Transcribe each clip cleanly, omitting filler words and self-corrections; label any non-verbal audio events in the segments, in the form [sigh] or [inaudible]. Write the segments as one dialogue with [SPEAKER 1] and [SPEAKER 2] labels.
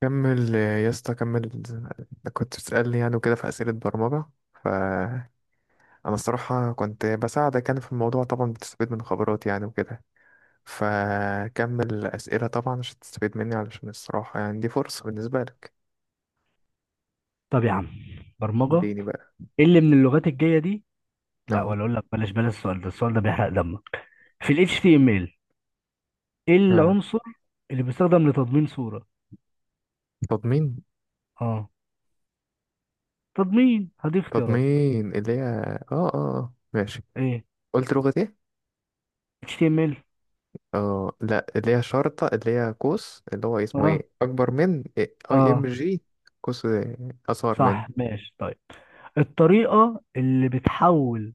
[SPEAKER 1] كمل يا اسطى كمل. أنا كنت بتسألني يعني وكده في أسئلة برمجة، فأنا الصراحة كنت بساعدك يعني في الموضوع، طبعا بتستفيد من خبراتي يعني وكده. فكمل أسئلة طبعا عشان تستفيد مني، علشان الصراحة يعني دي فرصة بالنسبة لك.
[SPEAKER 2] طب يا عم، برمجة.
[SPEAKER 1] اديني بقى.
[SPEAKER 2] ايه اللي من اللغات الجاية دي؟ لا،
[SPEAKER 1] اه
[SPEAKER 2] ولا اقول لك، بلاش السؤال ده، بيحرق دمك. في ال HTML ايه
[SPEAKER 1] اه
[SPEAKER 2] العنصر اللي بيستخدم لتضمين صورة؟
[SPEAKER 1] تضمين.
[SPEAKER 2] اه، تضمين. هديك اختيارات؟
[SPEAKER 1] تضمين اللي هي اه اه آه. ماشي.
[SPEAKER 2] ايه؟
[SPEAKER 1] قلت لغة ايه؟
[SPEAKER 2] HTML.
[SPEAKER 1] اه، لا، اللي هي شرطة، اللي هي قوس، اللي هو اسمه
[SPEAKER 2] اه
[SPEAKER 1] ايه؟ أكبر من اي ام
[SPEAKER 2] اه
[SPEAKER 1] جي. قوس أصغر
[SPEAKER 2] صح، ماشي. طيب الطريقة اللي بتحول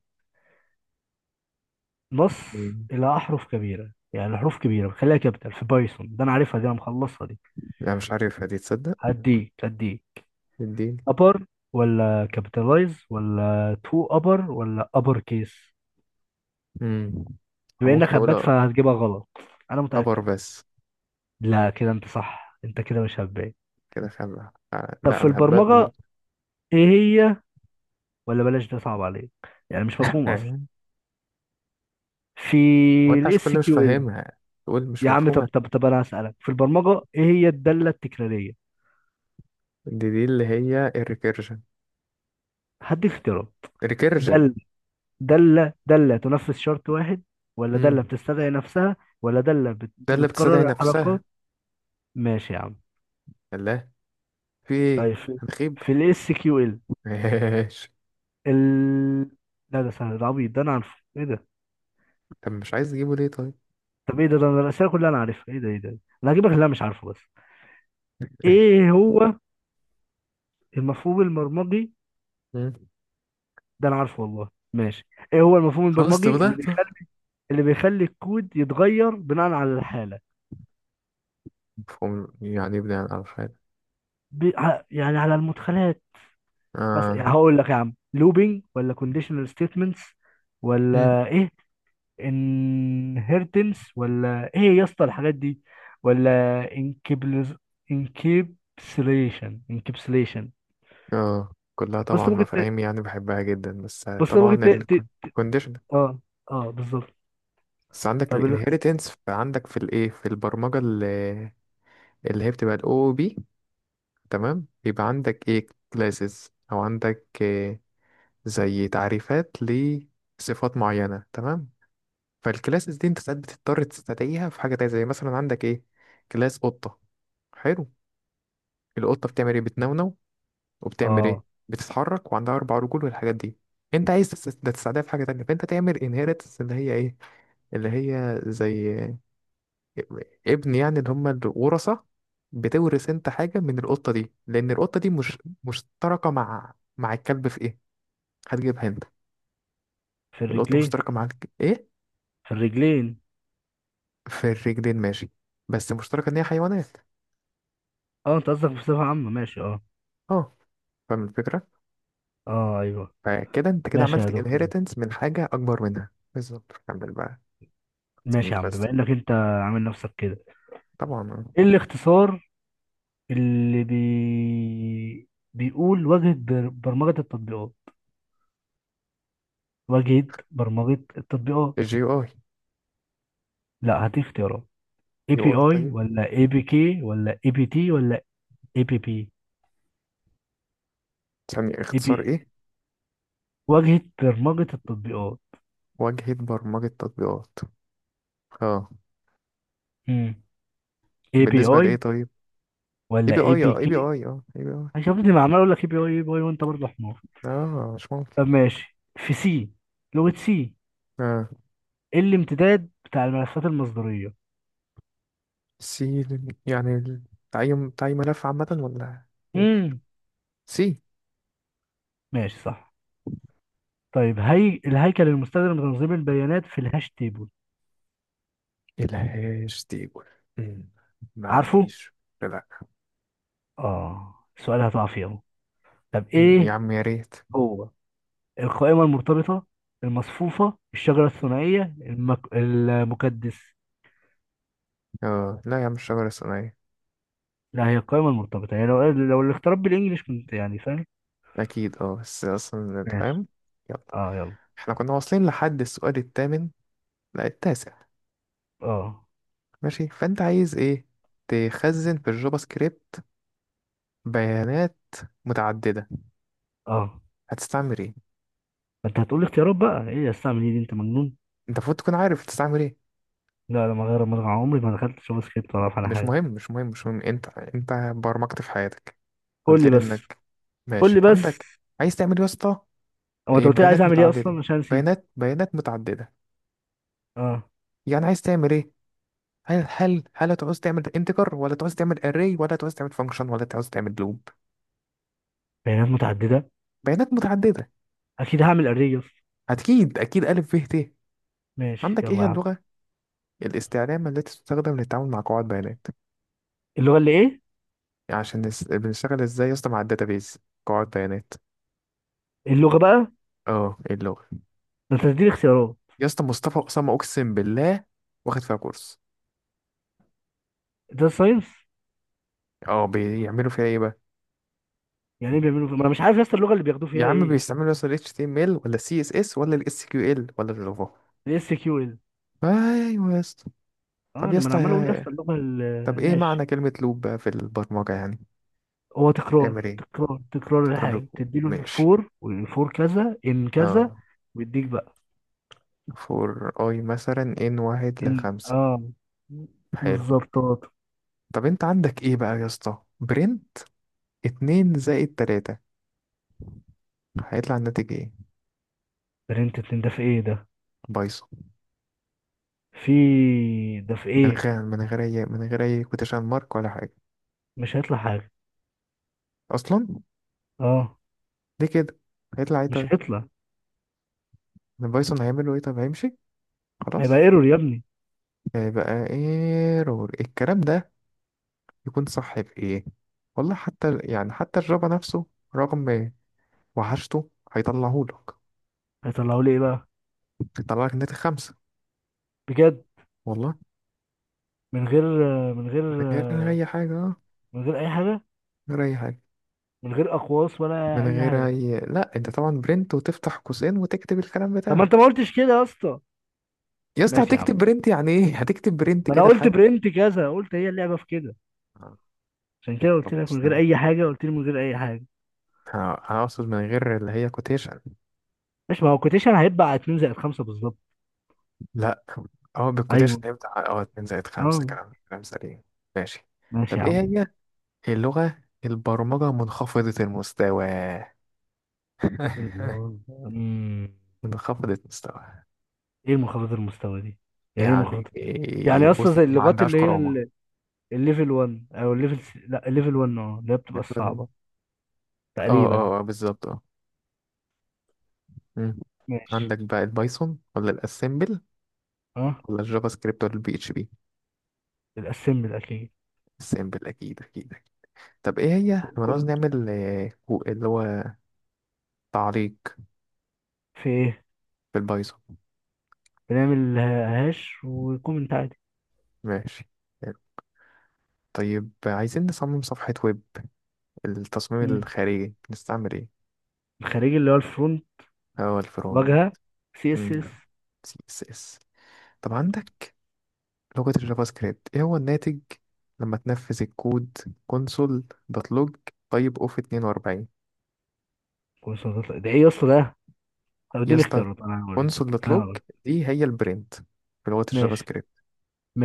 [SPEAKER 2] نص
[SPEAKER 1] من.
[SPEAKER 2] إلى أحرف كبيرة، يعني حروف كبيرة بتخليها كابيتال في بايثون، ده أنا عارفها دي، أنا مخلصها دي.
[SPEAKER 1] لا مش عارفها دي، تصدق.
[SPEAKER 2] هديك
[SPEAKER 1] اديني.
[SPEAKER 2] ابر ولا كابيتالايز ولا تو ابر ولا ابر كيس؟
[SPEAKER 1] امم
[SPEAKER 2] بما
[SPEAKER 1] ممكن
[SPEAKER 2] انك
[SPEAKER 1] اقول
[SPEAKER 2] هبات فهتجيبها غلط، انا
[SPEAKER 1] ابر
[SPEAKER 2] متاكد.
[SPEAKER 1] بس.
[SPEAKER 2] لا كده انت صح، انت كده مش هبات.
[SPEAKER 1] كده خلع. آه،
[SPEAKER 2] طب
[SPEAKER 1] لا
[SPEAKER 2] في
[SPEAKER 1] انا هبات
[SPEAKER 2] البرمجه،
[SPEAKER 1] برضه.
[SPEAKER 2] ايه هي؟ ولا بلاش، ده صعب عليك، يعني مش مفهوم اصلا.
[SPEAKER 1] [laughs]
[SPEAKER 2] في
[SPEAKER 1] هو انت عشان
[SPEAKER 2] الاس
[SPEAKER 1] كل مش
[SPEAKER 2] كيو ال.
[SPEAKER 1] فاهمها تقول مش
[SPEAKER 2] يا عم، طب
[SPEAKER 1] مفهومة؟
[SPEAKER 2] طب طب انا هسالك في البرمجه، ايه هي الداله التكراريه؟
[SPEAKER 1] دي اللي هي الريكيرجن.
[SPEAKER 2] هديك اختيارات.
[SPEAKER 1] الريكيرجن.
[SPEAKER 2] دل، داله تنفذ شرط واحد، ولا
[SPEAKER 1] امم
[SPEAKER 2] داله بتستدعي نفسها، ولا داله
[SPEAKER 1] ده اللي بتستدعي
[SPEAKER 2] بتكرر الحركات؟
[SPEAKER 1] نفسها.
[SPEAKER 2] ماشي يا عم.
[SPEAKER 1] الله. في ايه
[SPEAKER 2] طيب
[SPEAKER 1] هنخيب؟
[SPEAKER 2] في الاس كيو ال
[SPEAKER 1] ماشي.
[SPEAKER 2] ال لا، ده سهل، ده عبيط، ده انا عارفه، ايه ده؟
[SPEAKER 1] طب مش عايز تجيبه ليه طيب؟
[SPEAKER 2] طب ايه ده انا الاسئله كلها انا عارفها، ايه ده؟ ايه ده؟ إيه ده؟ انا هجيبك اللي انا مش عارفه بس. ايه هو المفهوم البرمجي؟
[SPEAKER 1] مم.
[SPEAKER 2] ده انا عارفه والله، ماشي. ايه هو المفهوم
[SPEAKER 1] خلاص طب
[SPEAKER 2] البرمجي
[SPEAKER 1] ده
[SPEAKER 2] اللي بيخلي الكود يتغير بناء على الحاله؟
[SPEAKER 1] مفهوم يعني ابني عن الحاجة.
[SPEAKER 2] يعني على المدخلات. مثلا يعني
[SPEAKER 1] اه،
[SPEAKER 2] هقول لك يا عم، لوبينج ولا كونديشنال ستيتمنتس، ولا ايه، انهيرتنس، ولا ايه يا اسطى الحاجات دي؟ ولا انكبلز، انكبسليشن.
[SPEAKER 1] اه، كلها طبعا
[SPEAKER 2] بص ممكن ت...
[SPEAKER 1] مفاهيم يعني بحبها جدا، بس
[SPEAKER 2] بص ممكن
[SPEAKER 1] طبعا
[SPEAKER 2] ت... ت...
[SPEAKER 1] الكونديشن.
[SPEAKER 2] اه، اه بالظبط.
[SPEAKER 1] بس عندك
[SPEAKER 2] طب
[SPEAKER 1] الانهيرتنس عندك في الايه في البرمجه، اللي, اللي هي بتبقى الاو بي. تمام، بيبقى عندك ايه كلاسز او عندك إيه زي تعريفات لصفات معينه، تمام. فالكلاسز دي انت ساعات بتضطر تستدعيها في حاجه تانية. زي مثلا عندك ايه، كلاس قطه. حلو. القطه بتعمل ايه؟ بتنونو وبتعمل ايه؟
[SPEAKER 2] اه.
[SPEAKER 1] بتتحرك وعندها اربع رجول والحاجات دي. انت عايز ده تساعدها في حاجه تانية، فانت تعمل انهيرتنس اللي هي ايه، اللي هي زي ابن يعني، اللي هم الورثه. بتورث انت حاجه من القطه دي، لان القطه دي مش مشتركه مع الكلب في ايه؟ هتجيبها انت.
[SPEAKER 2] في
[SPEAKER 1] القطه
[SPEAKER 2] الرجلين.
[SPEAKER 1] مشتركه مع ايه؟
[SPEAKER 2] في الرجلين.
[SPEAKER 1] في الرجلين ماشي، بس مشتركه ان هي حيوانات.
[SPEAKER 2] اه انت قصدك بصفة عامة، ماشي اه.
[SPEAKER 1] اه، فاهم الفكره.
[SPEAKER 2] اه ايوه.
[SPEAKER 1] فكده انت كده
[SPEAKER 2] ماشي يا
[SPEAKER 1] عملت
[SPEAKER 2] دكتور.
[SPEAKER 1] انهيرتنس من حاجه اكبر منها بالظبط. كمل بقى.
[SPEAKER 2] ماشي يا عم،
[SPEAKER 1] بس
[SPEAKER 2] بما انك انت عامل نفسك كده،
[SPEAKER 1] طبعا آه.
[SPEAKER 2] ايه الاختصار بيقول واجهة برمجة التطبيقات؟ واجهة برمجة التطبيقات.
[SPEAKER 1] الجي يو اي.
[SPEAKER 2] لا، هدي اختيارات. اي بي
[SPEAKER 1] يو اي
[SPEAKER 2] اي
[SPEAKER 1] طيب.
[SPEAKER 2] ولا اي بي كي ولا اي بي تي ولا اي بي بي؟
[SPEAKER 1] ثانية،
[SPEAKER 2] اي بي،
[SPEAKER 1] اختصار ايه؟
[SPEAKER 2] واجهة برمجة التطبيقات.
[SPEAKER 1] واجهة برمجة تطبيقات. اه،
[SPEAKER 2] امم، اي بي
[SPEAKER 1] بالنسبة
[SPEAKER 2] اي
[SPEAKER 1] لايه طيب؟ اي
[SPEAKER 2] ولا
[SPEAKER 1] بي
[SPEAKER 2] اي
[SPEAKER 1] اي،
[SPEAKER 2] بي
[SPEAKER 1] اه اي بي
[SPEAKER 2] كي؟
[SPEAKER 1] اي، اه اي بي اي.
[SPEAKER 2] يا ابني، ما عمال اقول لك اي بي اي اي بي اي وانت برضه حمار.
[SPEAKER 1] اه مش ممكن.
[SPEAKER 2] طب ماشي، في سي، لغة سي،
[SPEAKER 1] اه،
[SPEAKER 2] الامتداد بتاع الملفات المصدرية.
[SPEAKER 1] سي. يعني تعيين، ملف عامة ولا ايه؟
[SPEAKER 2] امم،
[SPEAKER 1] سي.
[SPEAKER 2] ماشي صح. طيب هي الهيكل المستخدم لتنظيم البيانات في الهاش تيبل؟
[SPEAKER 1] الهاش تيبل. أمم، ما
[SPEAKER 2] عارفه.
[SPEAKER 1] عنديش. لا
[SPEAKER 2] اه السؤال هتقع فيه اهو. طب
[SPEAKER 1] يا
[SPEAKER 2] ايه
[SPEAKER 1] عم، يا ريت.
[SPEAKER 2] هو؟ القائمة المرتبطة، المصفوفة، الشجرة الثنائية، المكدس؟
[SPEAKER 1] اه، لا يا عم، الشجرة الصناعية.
[SPEAKER 2] لا، هي القائمة المرتبطة، يعني لو الاختيارات بالإنجليش كنت يعني فاهم.
[SPEAKER 1] اكيد، اه بس اصلا
[SPEAKER 2] ماشي.
[SPEAKER 1] فاهم. يلا.
[SPEAKER 2] اه، يلا.
[SPEAKER 1] احنا كنا واصلين لحد السؤال الثامن، لا التاسع.
[SPEAKER 2] اه،
[SPEAKER 1] ماشي، فانت عايز ايه تخزن في الجافا سكريبت؟ بيانات متعدده.
[SPEAKER 2] اه
[SPEAKER 1] هتستعمل ايه؟
[SPEAKER 2] انت هتقول لي اختيارات بقى، ايه يا استعمل ايه دي؟ انت مجنون.
[SPEAKER 1] انت المفروض تكون عارف هتستعمل ايه.
[SPEAKER 2] لا، لا، ما غير، ما عمري ما دخلتش اشوف سكريبت ولا اعرف على
[SPEAKER 1] مش
[SPEAKER 2] حاجه.
[SPEAKER 1] مهم مش مهم مش مهم، انت انت برمجت في حياتك،
[SPEAKER 2] قول
[SPEAKER 1] قلت
[SPEAKER 2] لي
[SPEAKER 1] لي
[SPEAKER 2] بس
[SPEAKER 1] انك.
[SPEAKER 2] قول
[SPEAKER 1] ماشي،
[SPEAKER 2] لي بس
[SPEAKER 1] عندك عايز تعمل إيه يا اسطى؟
[SPEAKER 2] هو انت
[SPEAKER 1] إيه،
[SPEAKER 2] قلت لي عايز
[SPEAKER 1] بيانات
[SPEAKER 2] اعمل ايه
[SPEAKER 1] متعدده.
[SPEAKER 2] اصلا عشان نسيت؟
[SPEAKER 1] بيانات، متعدده.
[SPEAKER 2] اه،
[SPEAKER 1] يعني عايز تعمل ايه؟ هل هتعوز تعمل انتجر، ولا تعوز تعمل اري، ولا تعوز تعمل فانكشن، ولا تعوز تعمل لوب؟
[SPEAKER 2] بيانات متعدده.
[SPEAKER 1] بيانات متعدده.
[SPEAKER 2] اكيد هعمل اري يا اسطى.
[SPEAKER 1] اكيد اكيد، الف ب ت.
[SPEAKER 2] ماشي
[SPEAKER 1] عندك ايه
[SPEAKER 2] يلا
[SPEAKER 1] هي
[SPEAKER 2] يا عم.
[SPEAKER 1] اللغه الاستعلام التي تستخدم للتعامل مع قواعد بيانات؟
[SPEAKER 2] اللغه اللي ايه؟
[SPEAKER 1] يعني عشان بنشتغل ازاي يا اسطى مع الداتابيز، قواعد بيانات.
[SPEAKER 2] اللغه بقى.
[SPEAKER 1] اه، إيه اللغة؟
[SPEAKER 2] ده انت تديني اختيارات.
[SPEAKER 1] يا اسطى مصطفى أسامة، أقسم بالله واخد فيها كورس.
[SPEAKER 2] ده ساينس.
[SPEAKER 1] اه، بيعملوا فيها ايه بقى؟
[SPEAKER 2] يعني ايه ما انا مش عارف يا اسطى اللغه اللي بياخدوه
[SPEAKER 1] يا
[SPEAKER 2] فيها
[SPEAKER 1] عم
[SPEAKER 2] ايه.
[SPEAKER 1] بيستعملوا يا اسطى ال HTML، ولا CSS، ولا ال SQL، ولا الجافا؟
[SPEAKER 2] الاس كيو ال.
[SPEAKER 1] ايوه يا اسطى.
[SPEAKER 2] اه،
[SPEAKER 1] طب يا
[SPEAKER 2] انا ما انا
[SPEAKER 1] اسطى
[SPEAKER 2] عمال اقول يا اسطى اللغه
[SPEAKER 1] طب ايه
[SPEAKER 2] ماشي.
[SPEAKER 1] معنى كلمة لوب بقى في البرمجة يعني؟
[SPEAKER 2] هو
[SPEAKER 1] تعمل
[SPEAKER 2] تكرار،
[SPEAKER 1] ايه؟
[SPEAKER 2] تكرار تكرار
[SPEAKER 1] تكرار
[SPEAKER 2] الحاجه،
[SPEAKER 1] الكود.
[SPEAKER 2] تديله
[SPEAKER 1] ماشي.
[SPEAKER 2] فور والفور كذا ان كذا.
[SPEAKER 1] اه
[SPEAKER 2] ويديك بقى
[SPEAKER 1] فور اي مثلا ان واحد
[SPEAKER 2] ان،
[SPEAKER 1] لخمسة.
[SPEAKER 2] اه
[SPEAKER 1] حلو.
[SPEAKER 2] بالظبط اه.
[SPEAKER 1] طب انت عندك ايه بقى يا اسطى، برين اتنين زائد تلاتة، هيطلع الناتج ايه؟
[SPEAKER 2] برنت اتنين ده، في ايه ده؟
[SPEAKER 1] بايظة.
[SPEAKER 2] في، ده في
[SPEAKER 1] من
[SPEAKER 2] ايه؟
[SPEAKER 1] غير، من غير اي كوتيشن مارك ولا حاجة
[SPEAKER 2] مش هيطلع حاجه.
[SPEAKER 1] اصلا.
[SPEAKER 2] اه،
[SPEAKER 1] ليه كده؟ هيطلع ايه
[SPEAKER 2] مش
[SPEAKER 1] طيب؟
[SPEAKER 2] هيطلع.
[SPEAKER 1] البايثون هيعمله ايه؟ طب هيمشي؟
[SPEAKER 2] هيبقى
[SPEAKER 1] خلاص.
[SPEAKER 2] ايرور يا ابني.
[SPEAKER 1] هيبقى ايرور الكلام ده يكون صح في ايه؟ والله حتى يعني حتى الجافا نفسه رغم وحشته هيطلعهولك.
[SPEAKER 2] هيطلعوا لي ايه بقى؟
[SPEAKER 1] هيطلعلك ناتج خمسة،
[SPEAKER 2] بجد.
[SPEAKER 1] والله.
[SPEAKER 2] من غير، من غير
[SPEAKER 1] من غير اي حاجة، اه.
[SPEAKER 2] من غير اي حاجه.
[SPEAKER 1] من غير اي حاجة.
[SPEAKER 2] من غير اقواس ولا
[SPEAKER 1] من
[SPEAKER 2] اي
[SPEAKER 1] غير
[SPEAKER 2] حاجه.
[SPEAKER 1] اي لا انت طبعا برنت وتفتح قوسين وتكتب الكلام
[SPEAKER 2] طب ما
[SPEAKER 1] بتاعك.
[SPEAKER 2] انت ما قلتش كده يا اسطى.
[SPEAKER 1] يا اسطى
[SPEAKER 2] ماشي يا عم.
[SPEAKER 1] هتكتب برنت يعني ايه؟ [laughs] هتكتب برنت
[SPEAKER 2] ما انا
[SPEAKER 1] كده
[SPEAKER 2] قلت
[SPEAKER 1] حاف.
[SPEAKER 2] برنت كذا، قلت هي اللعبه في كده.
[SPEAKER 1] آه،
[SPEAKER 2] عشان
[SPEAKER 1] كده
[SPEAKER 2] كده قلت لك من
[SPEAKER 1] خلاص.
[SPEAKER 2] غير
[SPEAKER 1] آه.
[SPEAKER 2] اي حاجه، قلت لي من غير اي حاجه.
[SPEAKER 1] هقصد من غير اللي هي كوتيشن.
[SPEAKER 2] ماشي. ما هو كوتيشن هيبقى على 2 زائد 5 بالظبط.
[SPEAKER 1] لا، اه، بالكوتيشن
[SPEAKER 2] ايوه،
[SPEAKER 1] هيبدأ اه 2 زائد 5
[SPEAKER 2] اه.
[SPEAKER 1] كلام، كلام سليم. ماشي.
[SPEAKER 2] ماشي
[SPEAKER 1] طب
[SPEAKER 2] يا
[SPEAKER 1] ايه
[SPEAKER 2] عم.
[SPEAKER 1] هي اللغة البرمجة منخفضة المستوى؟ [laughs]
[SPEAKER 2] اللغة- أمم.
[SPEAKER 1] منخفضة المستوى
[SPEAKER 2] ايه المنخفض المستوى دي؟ يعني ايه
[SPEAKER 1] يعني
[SPEAKER 2] منخفض؟
[SPEAKER 1] إيه؟
[SPEAKER 2] يعني اصلا
[SPEAKER 1] بص،
[SPEAKER 2] زي
[SPEAKER 1] ما
[SPEAKER 2] اللغات
[SPEAKER 1] عندهاش
[SPEAKER 2] اللي هي
[SPEAKER 1] كرامة.
[SPEAKER 2] الليفل 1 او الليفل لا الليفل 1، اه اللي هي
[SPEAKER 1] [laughs]
[SPEAKER 2] بتبقى
[SPEAKER 1] اه،
[SPEAKER 2] الصعبه
[SPEAKER 1] اه
[SPEAKER 2] تقريبا.
[SPEAKER 1] آه، بالظبط. مم.
[SPEAKER 2] ماشي
[SPEAKER 1] عندك بقى البايثون، ولا الاسمبل،
[SPEAKER 2] اه.
[SPEAKER 1] ولا الجافا سكريبت، ولا البي اتش بي؟
[SPEAKER 2] الاسمبل اكيد.
[SPEAKER 1] الاسمبل اكيد اكيد. طب ايه هي لما نعوز
[SPEAKER 2] كل
[SPEAKER 1] نعمل آه، اللي هو تعليق
[SPEAKER 2] في ايه؟
[SPEAKER 1] بالبايثون؟
[SPEAKER 2] بنعمل هاش وكومنت عادي.
[SPEAKER 1] ماشي. طيب عايزين نصمم صفحة ويب، التصميم
[SPEAKER 2] أمم.
[SPEAKER 1] الخارجي نستعمل ايه؟
[SPEAKER 2] الخارجي اللي هو الفرونت،
[SPEAKER 1] هو الفرون،
[SPEAKER 2] واجهه، سي اس اس.
[SPEAKER 1] سي اس اس. طب عندك لغة الجافا سكريبت ايه هو الناتج لما تنفذ الكود؟ كونسول دوت لوج. طيب اوف 42.
[SPEAKER 2] كورسات. ده ايه يا اسطى ده؟ طب
[SPEAKER 1] يا
[SPEAKER 2] اديني
[SPEAKER 1] اسطى
[SPEAKER 2] اختيارات انا هقول لك.
[SPEAKER 1] كونسول دوت
[SPEAKER 2] انا
[SPEAKER 1] لوج
[SPEAKER 2] هقول لك.
[SPEAKER 1] دي هي البرنت في لغة الجافا
[SPEAKER 2] ماشي.
[SPEAKER 1] سكريبت.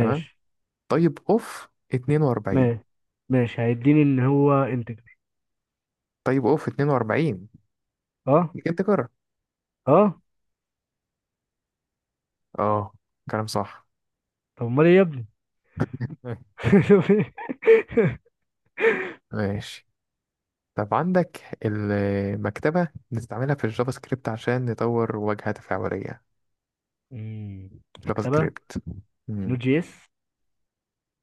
[SPEAKER 1] تمام. طيب اوف 42.
[SPEAKER 2] ماشي. ماشي، هيديني ان هو انتجر.
[SPEAKER 1] طيب اوف 42
[SPEAKER 2] اه،
[SPEAKER 1] دي كانت تكرر.
[SPEAKER 2] اه.
[SPEAKER 1] اه، كلام صح.
[SPEAKER 2] طب امال ايه يا ابني؟ [laughs]
[SPEAKER 1] [laughs]
[SPEAKER 2] شوف إيه؟
[SPEAKER 1] ماشي. طب عندك المكتبة بنستعملها في الجافا سكريبت عشان نطور واجهة تفاعلية؟
[SPEAKER 2] مم.
[SPEAKER 1] جافا
[SPEAKER 2] مكتبه.
[SPEAKER 1] سكريبت. مم.
[SPEAKER 2] نود جي اس.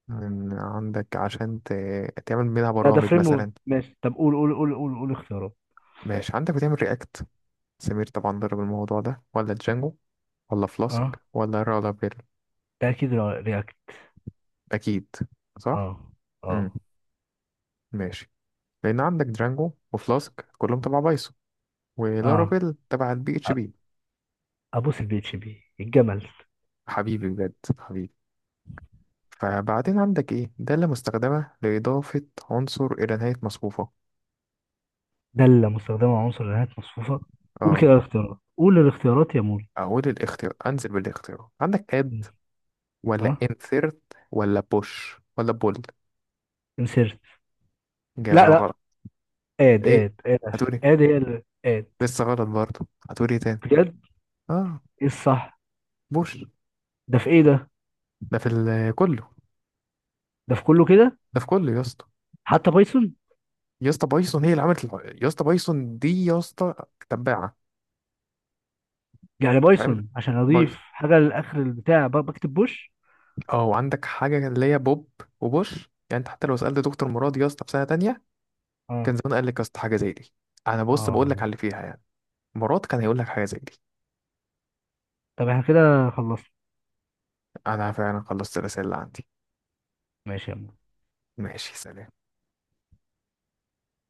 [SPEAKER 1] عندك عشان تعمل منها
[SPEAKER 2] لا ده
[SPEAKER 1] برامج
[SPEAKER 2] فريم ورك،
[SPEAKER 1] مثلا.
[SPEAKER 2] ماشي. طب قول اختيارات.
[SPEAKER 1] ماشي. عندك بتعمل رياكت، سمير طبعا ضرب الموضوع ده، ولا جانجو، ولا فلاسك،
[SPEAKER 2] اه،
[SPEAKER 1] ولا رالابيل؟
[SPEAKER 2] ده اكيد رياكت.
[SPEAKER 1] اكيد صح.
[SPEAKER 2] اه.
[SPEAKER 1] امم،
[SPEAKER 2] اه.
[SPEAKER 1] ماشي. لان عندك درانجو وفلاسك كلهم تبع بايثون،
[SPEAKER 2] اه.
[SPEAKER 1] ولارافيل تبع البي اتش
[SPEAKER 2] أ-
[SPEAKER 1] بي.
[SPEAKER 2] ابوس البي اتش بي الجمل.
[SPEAKER 1] حبيبي بجد حبيبي. فبعدين عندك ايه دالة مستخدمة لإضافة عنصر إلى نهاية مصفوفة؟
[SPEAKER 2] دالة مستخدمة على عنصر نهاية مصفوفة. قول
[SPEAKER 1] اه،
[SPEAKER 2] كده الاختيارات، قول الاختيارات يا مول.
[SPEAKER 1] أقول الاختيار، أنزل بالاختيار، عندك add، ولا
[SPEAKER 2] اه،
[SPEAKER 1] insert، ولا push، ولا pull؟
[SPEAKER 2] انسيرت. لا
[SPEAKER 1] جابها
[SPEAKER 2] لا،
[SPEAKER 1] غلط.
[SPEAKER 2] اد
[SPEAKER 1] ايه
[SPEAKER 2] اد اد عشان
[SPEAKER 1] هتقولي؟
[SPEAKER 2] اد هي اللي اد.
[SPEAKER 1] لسه غلط برضه. هتقولي إيه تاني؟
[SPEAKER 2] بجد؟
[SPEAKER 1] اه،
[SPEAKER 2] ايه الصح؟
[SPEAKER 1] بوش.
[SPEAKER 2] ده في ايه ده؟
[SPEAKER 1] ده في كله.
[SPEAKER 2] ده في كله كده.
[SPEAKER 1] ده في كله يا اسطى.
[SPEAKER 2] حتى بايثون.
[SPEAKER 1] يا اسطى بايثون هي اللي عملت يا اسطى بايثون دي يا اسطى تباعة.
[SPEAKER 2] يعني
[SPEAKER 1] فاهم،
[SPEAKER 2] بايثون عشان
[SPEAKER 1] بايثون.
[SPEAKER 2] اضيف حاجه لاخر البتاع بكتب بوش.
[SPEAKER 1] اه وعندك حاجة اللي هي بوب وبوش. يعني انت حتى لو سألت دكتور مراد يا اسطى في سنة تانية
[SPEAKER 2] اه،
[SPEAKER 1] كان زمان قال لك يا اسطى حاجة زي دي. انا بص بقول
[SPEAKER 2] اه.
[SPEAKER 1] لك على اللي فيها يعني. مراد كان هيقول لك حاجة زي دي.
[SPEAKER 2] طب احنا كده خلصنا؟
[SPEAKER 1] انا فعلا خلصت الرسالة اللي عندي.
[SPEAKER 2] ماشي يا عم.
[SPEAKER 1] ماشي، سلام.